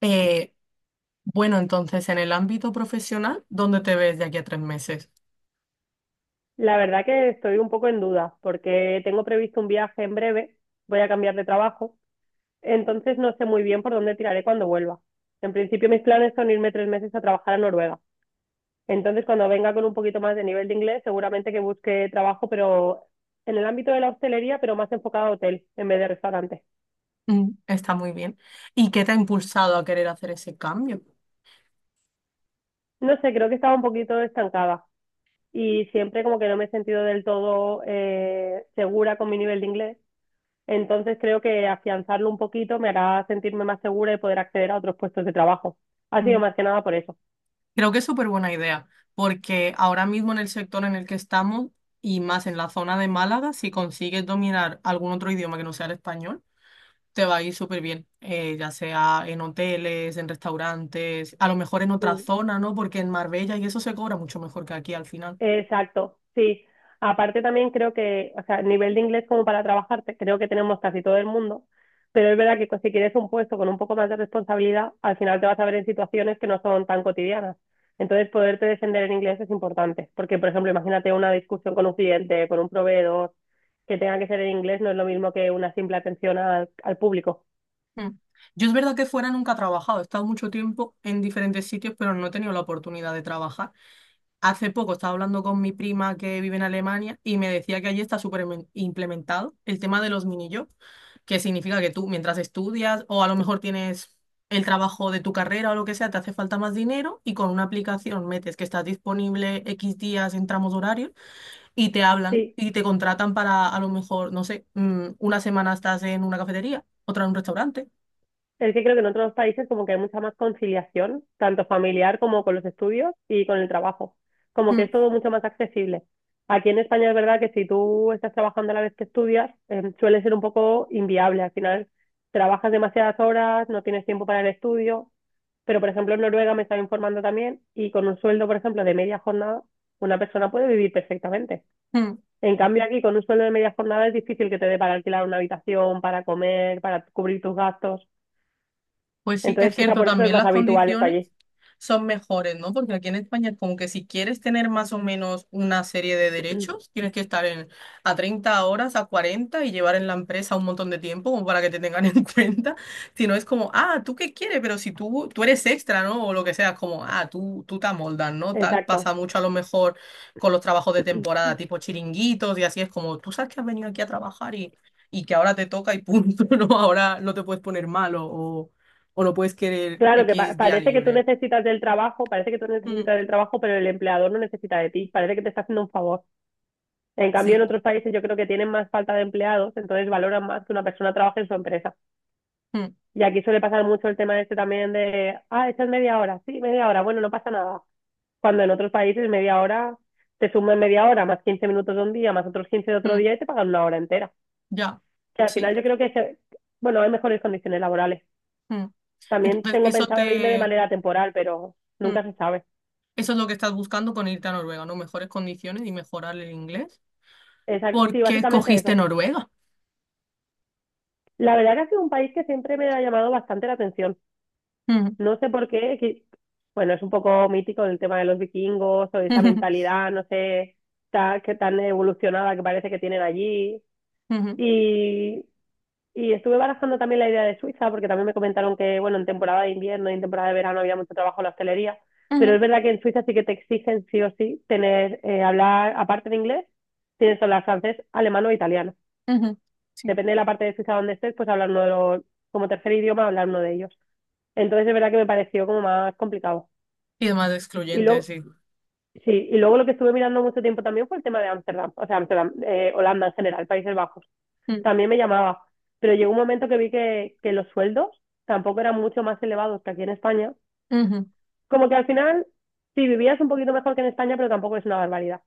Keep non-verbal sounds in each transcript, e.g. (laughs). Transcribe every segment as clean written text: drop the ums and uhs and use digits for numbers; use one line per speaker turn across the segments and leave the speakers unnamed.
Eh, bueno, entonces, en el ámbito profesional, ¿dónde te ves de aquí a tres meses?
La verdad que estoy un poco en duda porque tengo previsto un viaje en breve, voy a cambiar de trabajo, entonces no sé muy bien por dónde tiraré cuando vuelva. En principio mis planes son irme 3 meses a trabajar a Noruega. Entonces cuando venga con un poquito más de nivel de inglés, seguramente que busque trabajo, pero en el ámbito de la hostelería, pero más enfocado a hotel en vez de restaurante.
Mm, está muy bien. ¿Y qué te ha impulsado a querer hacer ese cambio?
No sé, creo que estaba un poquito estancada y siempre como que no me he sentido del todo segura con mi nivel de inglés. Entonces creo que afianzarlo un poquito me hará sentirme más segura y poder acceder a otros puestos de trabajo. Ha sido
Mm,
más que nada por eso.
creo que es súper buena idea, porque ahora mismo en el sector en el que estamos y más en la zona de Málaga, si consigues dominar algún otro idioma que no sea el español, te va a ir súper bien, ya sea en hoteles, en restaurantes, a lo mejor en otra
Mm,
zona, ¿no? Porque en Marbella y eso se cobra mucho mejor que aquí al final.
exacto, sí. Aparte también creo que, o sea, nivel de inglés como para trabajar, creo que tenemos casi todo el mundo, pero es verdad que si quieres un puesto con un poco más de responsabilidad, al final te vas a ver en situaciones que no son tan cotidianas. Entonces, poderte defender en inglés es importante, porque, por ejemplo, imagínate una discusión con un cliente, con un proveedor, que tenga que ser en inglés, no es lo mismo que una simple atención al público.
Mm. Yo es verdad que fuera nunca he trabajado, he estado mucho tiempo en diferentes sitios, pero no he tenido la oportunidad de trabajar. Hace poco estaba hablando con mi prima que vive en Alemania y me decía que allí está súper implementado el tema de los mini jobs, que significa que tú mientras estudias o a lo mejor tienes el trabajo de tu carrera o lo que sea, te hace falta más dinero y con una aplicación metes que estás disponible X días en tramos horarios y te hablan
Sí,
y te contratan para a lo mejor, no sé, una semana estás en una cafetería, otra en un restaurante.
es que creo que en otros países como que hay mucha más conciliación, tanto familiar como con los estudios y con el trabajo. Como que
Mm.
es todo mucho más accesible. Aquí en España es verdad que si tú estás trabajando a la vez que estudias, suele ser un poco inviable. Al final trabajas demasiadas horas, no tienes tiempo para el estudio. Pero, por ejemplo, en Noruega me estaba informando también y con un sueldo, por ejemplo, de media jornada, una persona puede vivir perfectamente.
Mm.
En cambio, aquí con un sueldo de media jornada es difícil que te dé para alquilar una habitación, para comer, para cubrir tus gastos.
Pues sí, es
Entonces, quizá
cierto,
por eso es
también
más
las
habitual esto
condiciones
allí.
son mejores, ¿no? Porque aquí en España es como que si quieres tener más o menos una serie de derechos, tienes que estar en, a 30 horas, a 40 y llevar en la empresa un montón de tiempo como para que te tengan (laughs) en cuenta. Si no es como, ah, ¿tú qué quieres? Pero si tú eres extra, ¿no? O lo que sea, es como, ah, tú te amoldas, ¿no? Tal,
Exacto.
pasa mucho a lo mejor con los trabajos de temporada, tipo chiringuitos y así es como, tú sabes que has venido aquí a trabajar y que ahora te toca y punto, (laughs) ¿no? Ahora no te puedes poner malo o no puedes querer
Claro, que
X día
parece que tú
libre.
necesitas del trabajo, parece que tú
Mm,
necesitas del trabajo, pero el empleador no necesita de ti. Parece que te está haciendo un favor. En cambio, en
sí.
otros países yo creo que tienen más falta de empleados, entonces valoran más que una persona trabaje en su empresa.
Mm,
Y aquí suele pasar mucho el tema este también de, ah, esto es media hora, sí, media hora, bueno, no pasa nada. Cuando en otros países media hora, te suman media hora, más 15 minutos de un día, más otros 15 de otro
mm,
día y te pagan una hora entera.
ya.
Que al
Sí.
final yo creo que, bueno, hay mejores condiciones laborales.
Mm.
También
Entonces,
tengo
eso
pensado irme de
te.
manera temporal, pero
Mm,
nunca se sabe.
eso es lo que estás buscando con irte a Noruega, ¿no? Mejores condiciones y mejorar el inglés.
Exacto.
¿Por
Sí,
qué
básicamente
escogiste
eso.
Noruega?
La verdad que ha sido un país que siempre me ha llamado bastante la atención.
Mm,
No sé por qué, bueno, es un poco mítico el tema de los vikingos o esa
ujú,
mentalidad, no sé, que tan evolucionada que parece que tienen allí.
ujú,
Y Y estuve barajando también la idea de Suiza, porque también me comentaron que, bueno, en temporada de invierno y en temporada de verano había mucho trabajo en la hostelería, pero es
ujú,
verdad que en Suiza sí que te exigen sí o sí tener, hablar, aparte de inglés, tienes que hablar francés, alemán o italiano.
ujú, sí.
Depende de la parte de Suiza donde estés, pues hablar uno de los, como tercer idioma, hablar uno de ellos. Entonces es verdad que me pareció como más complicado.
Y demás
Y
excluyente,
luego,
sí.
sí, y luego lo que estuve mirando mucho tiempo también fue el tema de Ámsterdam, o sea, Ámsterdam, Holanda en general, Países Bajos.
Mm,
También me llamaba, pero llegó un momento que vi que los sueldos tampoco eran mucho más elevados que aquí en España.
ujú,
Como que al final, sí, vivías un poquito mejor que en España, pero tampoco es una barbaridad.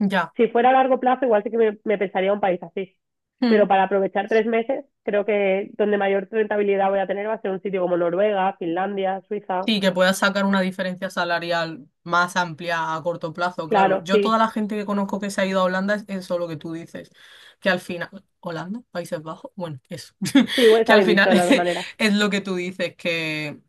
ya.
Si fuera a largo plazo, igual sí que me pensaría un país así. Pero para aprovechar 3 meses, creo que donde mayor rentabilidad voy a tener va a ser un sitio como Noruega, Finlandia, Suiza.
Sí, que puedas sacar una diferencia salarial más amplia a corto plazo, claro.
Claro,
Yo toda
sí.
la gente que conozco que se ha ido a Holanda es eso lo que tú dices, que al final, Holanda, Países Bajos, bueno, eso,
Sí, bueno,
(laughs) que
está
al
bien dicho
final
de las dos maneras.
(laughs) es, lo que tú dices, que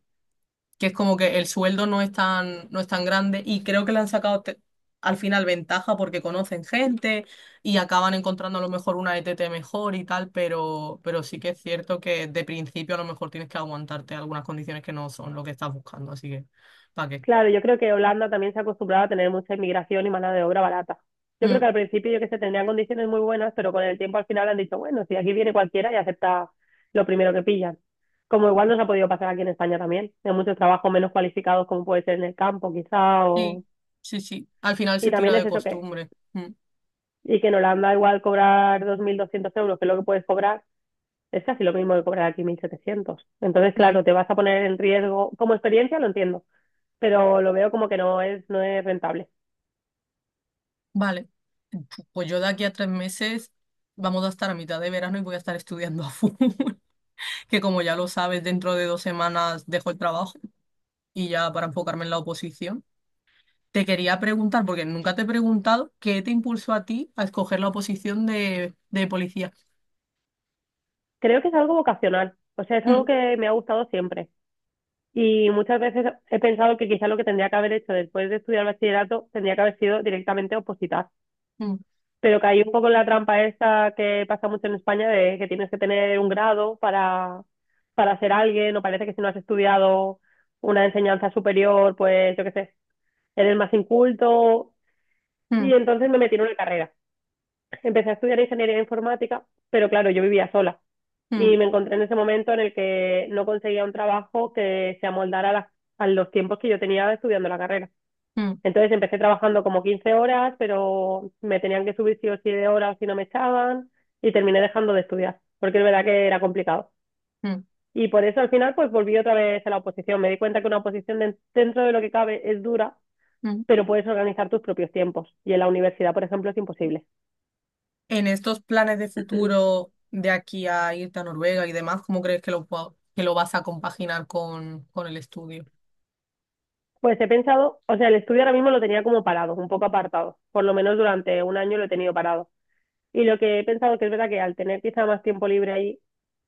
que es como que el sueldo no es tan grande y creo que le han sacado al final ventaja porque conocen gente y acaban encontrando a lo mejor una ETT mejor y tal, pero sí que es cierto que de principio a lo mejor tienes que aguantarte algunas condiciones que no son lo que estás buscando, así que, ¿para qué?
Claro, yo creo que Holanda también se ha acostumbrado a tener mucha inmigración y mano de obra barata. Yo creo que
Mm,
al principio, yo que sé, tendrían condiciones muy buenas, pero con el tiempo al final han dicho, bueno, si aquí viene cualquiera y acepta lo primero que pillan. Como igual nos ha podido pasar aquí en España también, hay muchos trabajos menos cualificados como puede ser en el campo quizá, o...
sí, sí, al final
y
se tira
también es
de
eso que,
costumbre. Mm,
y que en Holanda igual cobrar 2.200 euros, que es lo que puedes cobrar, es casi lo mismo que cobrar aquí 1.700. Entonces,
mm,
claro, te vas a poner en riesgo, como experiencia lo entiendo, pero lo veo como que no es rentable.
vale. Pues yo de aquí a tres meses vamos a estar a mitad de verano y voy a estar estudiando (laughs) a full. Que como ya lo sabes, dentro de dos semanas dejo el trabajo y ya para enfocarme en la oposición. Te quería preguntar, porque nunca te he preguntado, ¿qué te impulsó a ti a escoger la oposición de policía?
Creo que es algo vocacional, o sea, es algo
Mm,
que me ha gustado siempre. Y muchas veces he pensado que quizás lo que tendría que haber hecho después de estudiar bachillerato tendría que haber sido directamente opositar.
mm,
Pero caí un poco en la trampa esta que pasa mucho en España de que tienes que tener un grado para ser alguien, o parece que si no has estudiado una enseñanza superior, pues yo qué sé, eres más inculto. Y
mm,
entonces me metí en una carrera. Empecé a estudiar ingeniería informática, pero claro, yo vivía sola
mm,
y me encontré en ese momento en el que no conseguía un trabajo que se amoldara a los tiempos que yo tenía estudiando la carrera.
mm,
Entonces empecé trabajando como 15 horas, pero me tenían que subir sí o sí de horas si no me echaban y terminé dejando de estudiar, porque es verdad que era complicado.
mm,
Y por eso al final pues volví otra vez a la oposición. Me di cuenta que una oposición dentro de lo que cabe es dura,
mm.
pero puedes organizar tus propios tiempos y en la universidad, por ejemplo, es imposible.
En estos planes de
(clears throat)
futuro de aquí a irte a Noruega y demás, ¿cómo crees que lo, que lo vas a compaginar con el estudio?
Pues he pensado, o sea, el estudio ahora mismo lo tenía como parado, un poco apartado, por lo menos durante un año lo he tenido parado. Y lo que he pensado que es verdad que al tener quizá más tiempo libre ahí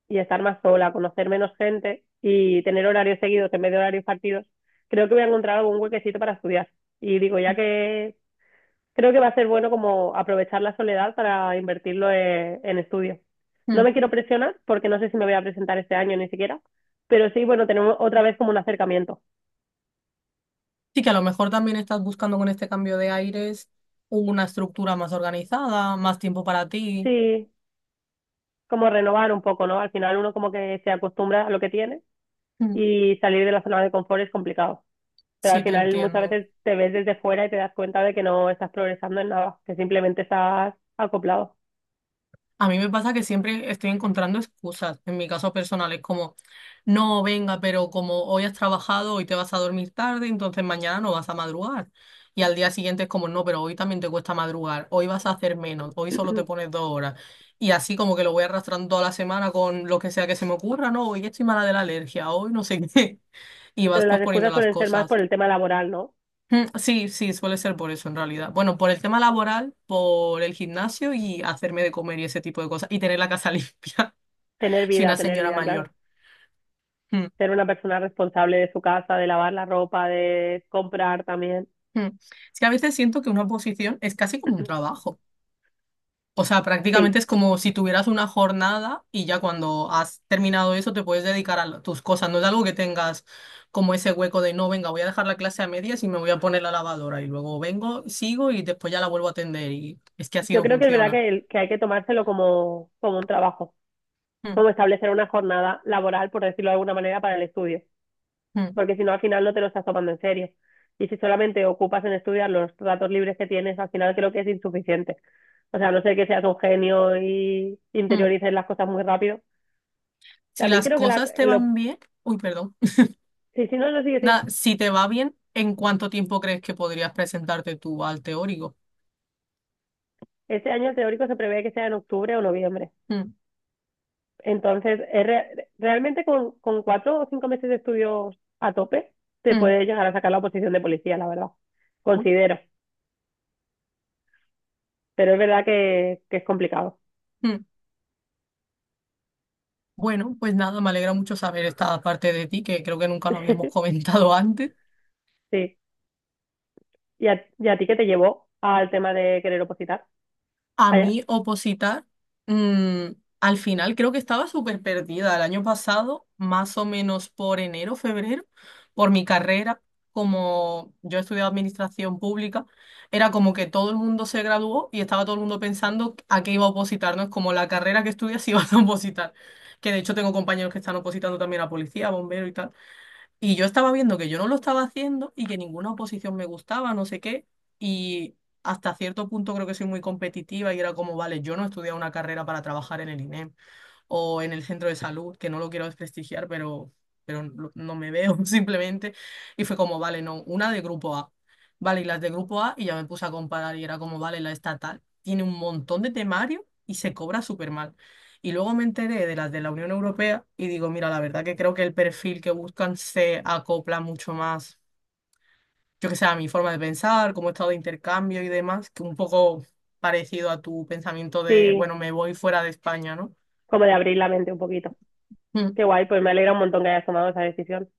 y estar más sola, conocer menos gente y tener horarios seguidos en vez de horarios partidos, creo que voy a encontrar algún huequecito para estudiar. Y digo, ya que creo que va a ser bueno como aprovechar la soledad para invertirlo en estudios. No
Mm.
me quiero presionar porque no sé si me voy a presentar este año ni siquiera, pero sí, bueno, tenemos otra vez como un acercamiento.
Sí, que a lo mejor también estás buscando con este cambio de aires una estructura más organizada, más tiempo para ti.
Sí, como renovar un poco, ¿no? Al final uno como que se acostumbra a lo que tiene y salir de la zona de confort es complicado. Pero al
Sí, te
final muchas
entiendo.
veces te ves desde fuera y te das cuenta de que no estás progresando en nada, que simplemente estás acoplado.
A mí me pasa que siempre estoy encontrando excusas, en mi caso personal, es como, no, venga, pero como hoy has trabajado, hoy te vas a dormir tarde, entonces mañana no vas a madrugar. Y al día siguiente es como, no, pero hoy también te cuesta madrugar, hoy vas a hacer menos, hoy solo te pones
(clears throat)
dos horas. Y así como que lo voy arrastrando toda la semana con lo que sea que se me ocurra, no, hoy estoy mala de la alergia, hoy no sé (laughs) qué. Y
Pero
vas
las
posponiendo
excusas
las
suelen ser más
cosas.
por el tema laboral, ¿no?
Mm, sí, suele ser por eso en realidad. Bueno, por el tema laboral, por el gimnasio y hacerme de comer y ese tipo de cosas. Y tener la casa (laughs) limpia. Soy una
Tener
señora
vida, claro.
mayor. Mm,
Ser una persona responsable de su casa, de lavar la ropa, de comprar también.
mm. Es que a veces siento que una oposición es casi como un
(clears throat)
trabajo. O sea, prácticamente
Sí,
es como si tuvieras una jornada y ya cuando has terminado eso te puedes dedicar a tus cosas. No es algo que tengas como ese hueco de no, venga, voy a dejar la clase a medias y me voy a poner la lavadora y luego vengo, sigo y después ya la vuelvo a atender. Y es que así
yo
no
creo que es verdad
funciona.
que hay que tomárselo como, como un trabajo,
Mm,
como establecer una jornada laboral, por decirlo de alguna manera, para el estudio.
mm,
Porque si no al final no te lo estás tomando en serio. Y si solamente ocupas en estudiar los ratos libres que tienes, al final creo que es insuficiente. O sea, a no sé que seas un genio y
mm.
interiorices las cosas muy rápido.
Si
También
las
creo que
cosas te van bien, uy, perdón.
sí, sí, no, no, sí, sí.
Nada, si te va bien, ¿en cuánto tiempo crees que podrías presentarte tú al teórico?
Este año el teórico se prevé que sea en octubre o noviembre.
Mm,
Entonces, es realmente con, 4 o 5 meses de estudios a tope, te
mm,
puedes llegar a sacar la oposición de policía, la verdad.
uy,
Considero. Pero es verdad que es complicado.
mm. Bueno, pues nada, me alegra mucho saber esta parte de ti, que creo que nunca lo habíamos
(laughs)
comentado (laughs) antes.
Sí. ¿Y a ti qué te llevó al tema de querer opositar?
A
Allá.
mí opositar, mm, al final creo que estaba súper perdida el año pasado, más o menos por enero, febrero, por mi carrera, como yo he estudiado administración pública, era como que todo el mundo se graduó y estaba todo el mundo pensando a qué iba a opositar, no es como la carrera que estudias (laughs) si vas a opositar, que de hecho tengo compañeros que están opositando también a policía, bombero y tal. Y yo estaba viendo que yo no lo estaba haciendo y que ninguna oposición me gustaba, no sé qué. Y hasta cierto punto creo que soy muy competitiva y era como, vale, yo no he estudiado una carrera para trabajar en el INEM o en el centro de salud, que no lo quiero desprestigiar, pero no me veo (laughs) simplemente. Y fue como, vale, no, una de grupo A. Vale, y las de grupo A, y ya me puse a comparar y era como, vale, la estatal tiene un montón de temario y se cobra súper mal. Y luego me enteré de las de la Unión Europea y digo, mira, la verdad que creo que el perfil que buscan se acopla mucho más, yo que sé, a mi forma de pensar, como he estado de intercambio y demás, que un poco parecido a tu pensamiento de,
Sí,
bueno, me voy fuera de España, ¿no?
como de abrir la mente un poquito. Qué
Mm.
guay, pues me alegra un montón que hayas tomado esa decisión.